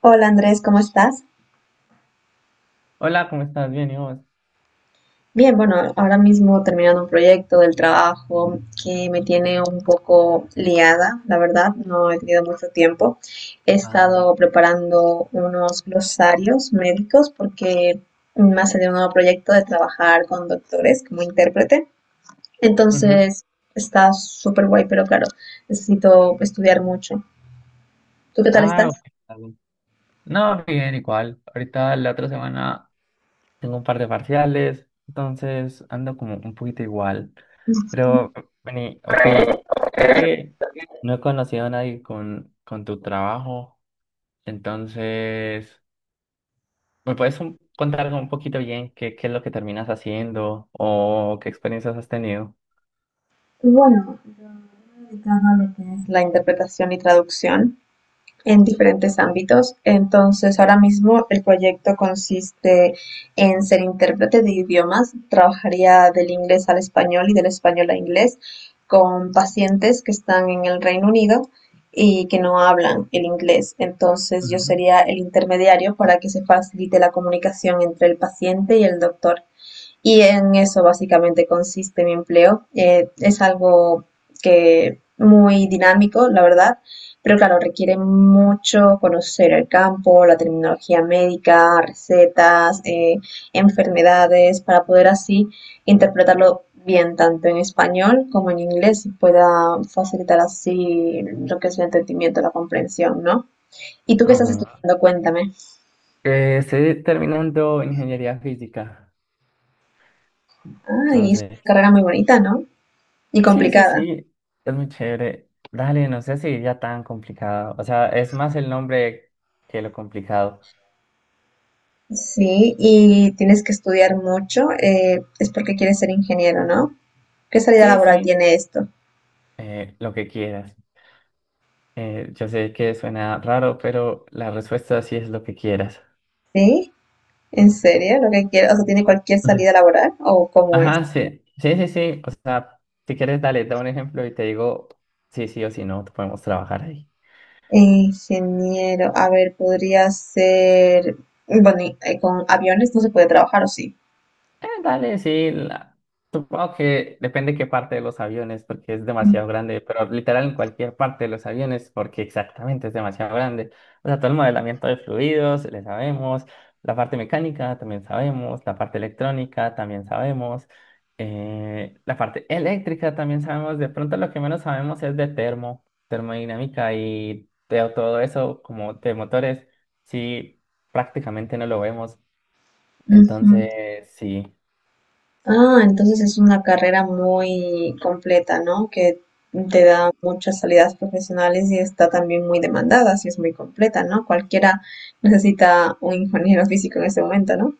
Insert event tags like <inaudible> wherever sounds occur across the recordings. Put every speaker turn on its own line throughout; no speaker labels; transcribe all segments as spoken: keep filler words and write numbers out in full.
Hola Andrés, ¿cómo estás?
Hola, ¿cómo estás? Bien, ¿y vos?
Bien, bueno, ahora mismo terminando un proyecto del trabajo que me tiene un poco liada, la verdad, no he tenido mucho tiempo. He
Vale,
estado
ah.
preparando unos glosarios médicos porque me ha salido un nuevo proyecto de trabajar con doctores como intérprete.
Ujú.
Entonces, está súper guay, pero claro, necesito estudiar mucho. ¿Tú qué tal
Ah, ok,
estás?
está bien. No, bien, igual. Ahorita la otra semana tengo un par de parciales, entonces ando como un poquito igual.
Ujú.
Pero vení, ok, es que no he conocido a nadie con, con tu trabajo, entonces, ¿me puedes un- contar un poquito bien qué, qué es lo que terminas haciendo o qué experiencias has tenido?
Bueno, yo me he dedicado a lo que es la interpretación y traducción en diferentes ámbitos. Entonces, ahora mismo el proyecto consiste en ser intérprete de idiomas. Trabajaría del inglés al español y del español a inglés con pacientes que están en el Reino Unido y que no hablan el inglés. Entonces, yo
Ujú.
sería el intermediario para que se facilite la comunicación entre el paciente y el doctor. Y en eso básicamente consiste mi empleo. Eh, es algo que muy dinámico, la verdad, pero claro, requiere mucho conocer el campo, la terminología médica, recetas, eh, enfermedades, para poder así interpretarlo bien tanto en español como en inglés y pueda facilitar así lo que es el entendimiento, la comprensión, ¿no? ¿Y tú qué estás
Ajá.
estudiando? Cuéntame.
Eh, estoy terminando ingeniería física.
Ay, es una
Entonces,
carrera muy bonita, ¿no? Y
sí, sí,
complicada.
sí, es muy chévere. Dale, no sé si ya tan complicado. O sea, es más el nombre que lo complicado.
Sí, y tienes que estudiar mucho, eh, es porque quieres ser ingeniero, ¿no? ¿Qué salida
Sí,
laboral
sí,
tiene esto?
eh, lo que quieras. Eh, yo sé que suena raro, pero la respuesta sí es lo que quieras.
¿Sí? ¿En serio? ¿Lo que quieres? O sea, ¿tiene cualquier
Ujú.
salida laboral o cómo es?
Ajá, sí, sí, sí, sí. O sea, si quieres, dale, da un ejemplo y te digo sí, sí, o si no, podemos trabajar ahí.
Ingeniero, a ver, podría ser, bueno, y, eh, con aviones no se puede trabajar, ¿o sí?
Eh, dale, sí. la- Supongo que depende qué parte de los aviones, porque es
Mm,
demasiado grande, pero literal en cualquier parte de los aviones, porque exactamente es demasiado grande. O sea, todo el modelamiento de fluidos, le sabemos, la parte mecánica también sabemos, la parte electrónica también sabemos, eh, la parte eléctrica también sabemos. De pronto lo que menos sabemos es de termo, termodinámica y de todo eso, como de motores, sí, prácticamente no lo vemos.
ujú.
Entonces, sí.
Ah, entonces es una carrera muy completa, ¿no? Que te da muchas salidas profesionales y está también muy demandada, si es muy completa, ¿no? Cualquiera necesita un ingeniero físico en este momento, ¿no?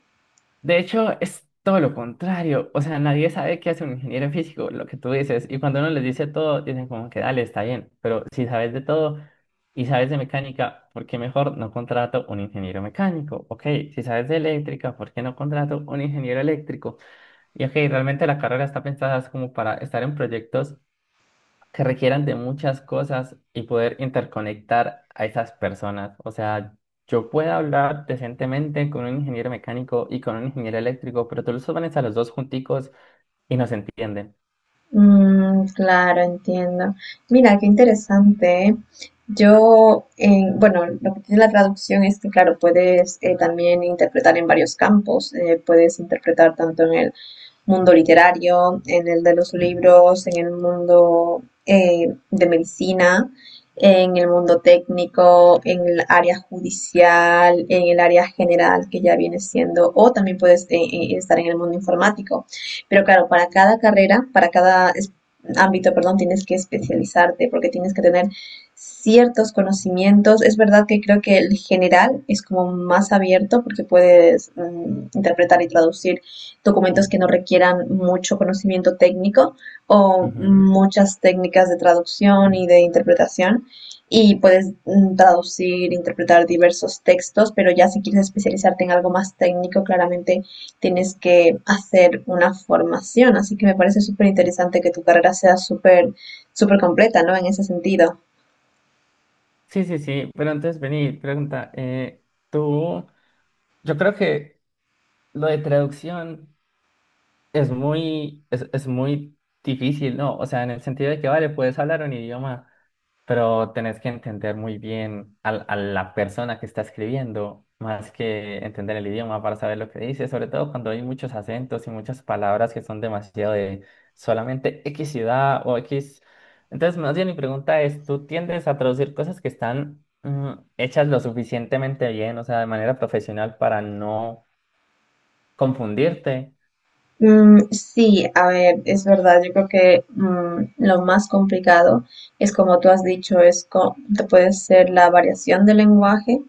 De hecho, es todo lo contrario. O sea, nadie sabe qué hace un ingeniero en físico, lo que tú dices. Y cuando uno les dice todo, dicen como que dale, está bien. Pero si sabes de todo y sabes de mecánica, ¿por qué mejor no contrato un ingeniero mecánico? Ok, si sabes de eléctrica, ¿por qué no contrato un ingeniero eléctrico? Y ok, realmente la carrera está pensada es como para estar en proyectos que requieran de muchas cosas y poder interconectar a esas personas. O sea, yo puedo hablar decentemente con un ingeniero mecánico y con un ingeniero eléctrico, pero tú los pones a los dos junticos y no se entienden.
Mm, claro, entiendo. Mira, qué interesante, ¿eh? Yo, eh, bueno, lo que tiene la traducción es que, claro, puedes eh, también interpretar en varios campos. Eh, puedes interpretar tanto en el mundo literario, en el de los libros, en el mundo eh, de medicina, en el mundo técnico, en el área judicial, en el área general que ya viene siendo, o también puedes eh, eh, estar en el mundo informático. Pero claro, para cada carrera, para cada ámbito, perdón, tienes que especializarte porque tienes que tener ciertos conocimientos. Es verdad que creo que el general es como más abierto porque puedes mm, interpretar y traducir documentos que no requieran mucho conocimiento técnico o
Ujú.
muchas técnicas de traducción y de interpretación. Y puedes mm, traducir, interpretar diversos textos, pero ya si quieres especializarte en algo más técnico, claramente tienes que hacer una formación. Así que me parece súper interesante que tu carrera sea súper, súper completa, ¿no? En ese sentido.
Sí, sí, sí, pero entonces vení, pregunta, eh, tú, yo creo que lo de traducción es muy, es, es muy difícil, ¿no? O sea, en el sentido de que, vale, puedes hablar un idioma, pero tenés que entender muy bien al- a, la persona que está escribiendo, más que entender el idioma para saber lo que dice, sobre todo cuando hay muchos acentos y muchas palabras que son demasiado de solamente X ciudad o X. Entonces, más bien mi pregunta es, ¿tú tiendes a traducir cosas que están mm, hechas lo suficientemente bien, o sea, de manera profesional para no confundirte?
Mm, sí, a ver, es verdad, yo creo que mm, lo más complicado es como tú has dicho, es co- te puede ser la variación del lenguaje.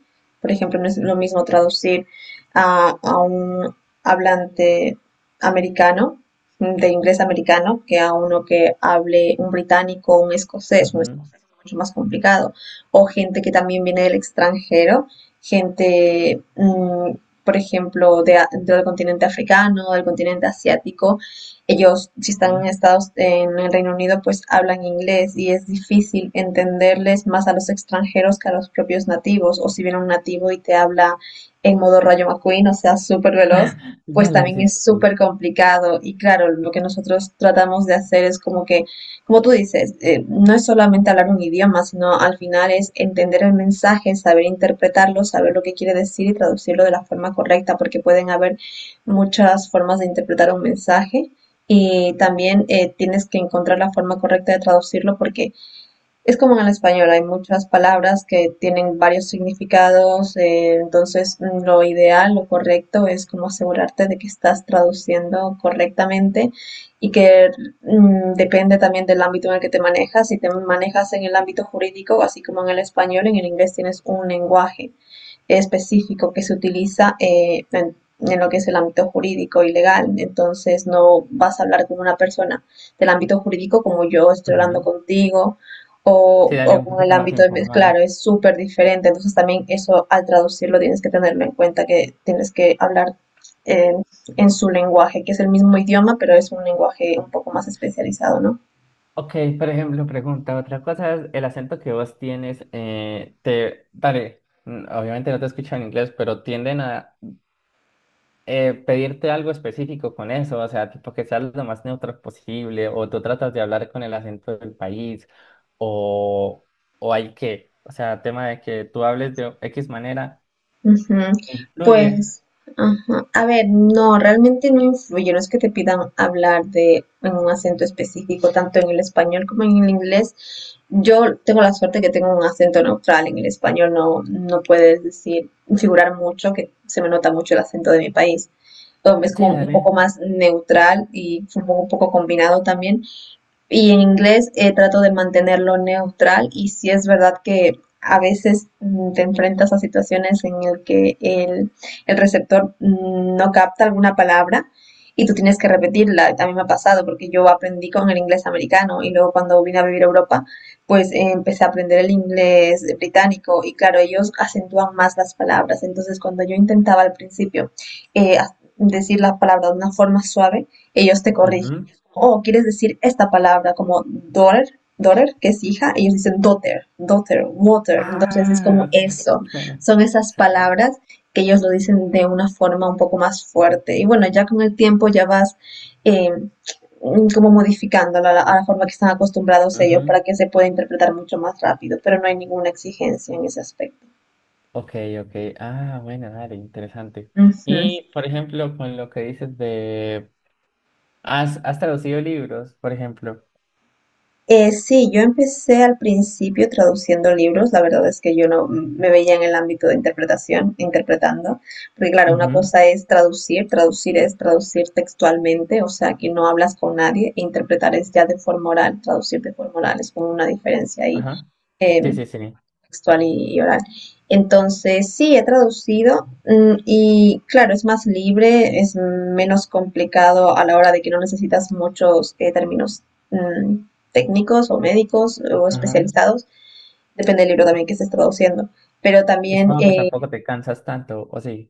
Por ejemplo, no es lo mismo traducir a, a un hablante americano, mm, de inglés americano, que a uno que hable un británico, un escocés, un
Ujú,
escocés es mucho más complicado. O gente que también viene del extranjero, gente mm, por ejemplo, de, del continente africano, del continente asiático. Ellos, si están
sí.
en Estados, en el Reino Unido, pues hablan inglés y es difícil entenderles más a los extranjeros que a los propios nativos. O si viene un nativo y te habla en modo rayo McQueen, o sea, súper veloz,
<laughs>
pues
Dale,
también
sí, sí,
es
sí.
súper complicado. Y claro, lo que nosotros tratamos de hacer es como que como tú dices, eh, no es solamente hablar un idioma, sino al final es entender el mensaje, saber interpretarlo, saber lo que quiere decir y traducirlo de la forma correcta, porque pueden haber muchas formas de interpretar un mensaje y también eh, tienes que encontrar la forma correcta de traducirlo porque es como en el español, hay muchas palabras que tienen varios significados, eh, entonces mm, lo ideal, lo correcto es como asegurarte de que estás traduciendo correctamente y que mm, depende también del ámbito en el que te manejas. Si te manejas en el ámbito jurídico, así como en el español, en el inglés tienes un lenguaje específico que se utiliza eh, en, en lo que es el ámbito jurídico y legal. Entonces no vas a hablar con una persona del ámbito jurídico como yo estoy hablando
Ujú.
contigo
Sí,
o,
dale,
o
un
con el
poquito más
ámbito de...
informal.
Claro, es súper diferente. Entonces también eso al traducirlo tienes que tenerlo en cuenta, que tienes que hablar eh, en su lenguaje, que es el mismo idioma, pero es un lenguaje un poco más especializado, ¿no?
Ok, por ejemplo, pregunta, otra cosa es el acento que vos tienes, eh, te, dale, mm, obviamente no te escucho en inglés, pero tienden a eh, pedirte algo específico con eso, o sea, tipo que seas lo más neutro posible, o tú tratas de hablar con el acento del país, o, o hay que, o sea, tema de que tú hables de X manera,
Ujú.
influye.
Pues, ajá. A ver, no, realmente no influye, no es que te pidan hablar de en un acento específico, tanto en el español como en el inglés. Yo tengo la suerte que tengo un acento neutral en el español, no, no puedes decir, figurar mucho, que se me nota mucho el acento de mi país. Um, Es
Sí,
como un
dale.
poco más neutral y supongo un poco combinado también. Y en inglés eh, trato de mantenerlo neutral y si es verdad que a veces mm, te enfrentas a situaciones en el que el, el receptor mm, no capta alguna palabra y tú tienes que repetirla. A mí me ha pasado porque yo aprendí con el inglés americano y luego cuando vine a vivir a Europa, pues eh, empecé a aprender el inglés británico y claro, ellos acentúan más las palabras. Entonces, cuando yo intentaba al principio eh, decir la palabra de una forma suave, ellos te corrigen.
Ujú.
Oh, quieres decir esta palabra como daughter, daughter, que es hija, ellos dicen daughter, daughter, water. Entonces es
Ah,
como
ok.
eso.
<laughs> Suena,
Son esas
suena.
palabras que ellos lo dicen de una forma un poco más fuerte. Y bueno, ya con el tiempo ya vas eh, como modificándolo a la, a la forma que están acostumbrados ellos
Ujú.
para que se pueda interpretar mucho más rápido, pero no hay ninguna exigencia en ese aspecto.
Ok, ok. Ah, bueno, dale, interesante.
Ujú.
Y, por ejemplo, con lo que dices de... ¿Has, has traducido libros, por ejemplo?
Eh, sí, yo empecé al principio traduciendo libros, la verdad es que yo no me veía en el ámbito de interpretación, interpretando, porque claro, una
Ujú.
cosa es traducir, traducir es traducir textualmente, o sea, que no hablas con nadie, e interpretar es ya de forma oral, traducir de forma oral es como una diferencia ahí,
Ajá.
eh,
Sí, sí, sí.
textual y, oral. Entonces, sí, he traducido mm, y claro, es más libre, es menos complicado a la hora de que no necesitas muchos eh, términos mm, técnicos o médicos o
Ajá.
especializados, depende del libro también que estés traduciendo. Pero
Y
también,
supongo que
eh,
tampoco te cansas tanto, ¿o sí?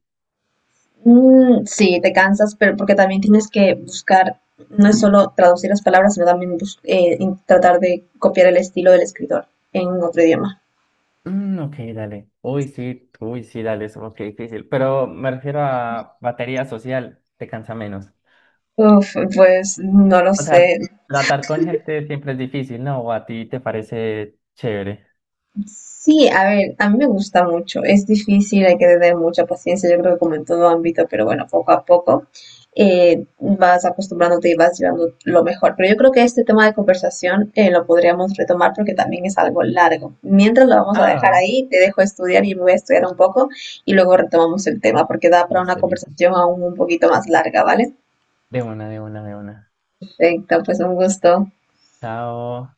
mm, sí, te cansas, pero porque también tienes que buscar, no es solo traducir las palabras, sino también bus- eh, in- tratar de copiar el estilo del escritor en otro idioma.
Mm, ok, dale. Uy, sí, uy, sí, dale, supongo que difícil. Pero me refiero a batería social, te cansa menos.
Uf, pues no lo
O
sé.
sea, tratar con gente siempre es difícil, ¿no? ¿O a ti te parece chévere?
Sí, a ver, a mí me gusta mucho. Es difícil, hay que tener mucha paciencia, yo creo que como en todo ámbito, pero bueno, poco a poco eh, vas acostumbrándote y vas llevando lo mejor. Pero yo creo que este tema de conversación eh, lo podríamos retomar porque también es algo largo. Mientras lo vamos a dejar
Ah,
ahí, te dejo estudiar y me voy a estudiar un poco y luego retomamos el tema porque da para una
listo, listo.
conversación aún un poquito más larga, ¿vale?
De una, de una, de una.
Perfecto, pues un gusto.
Chao.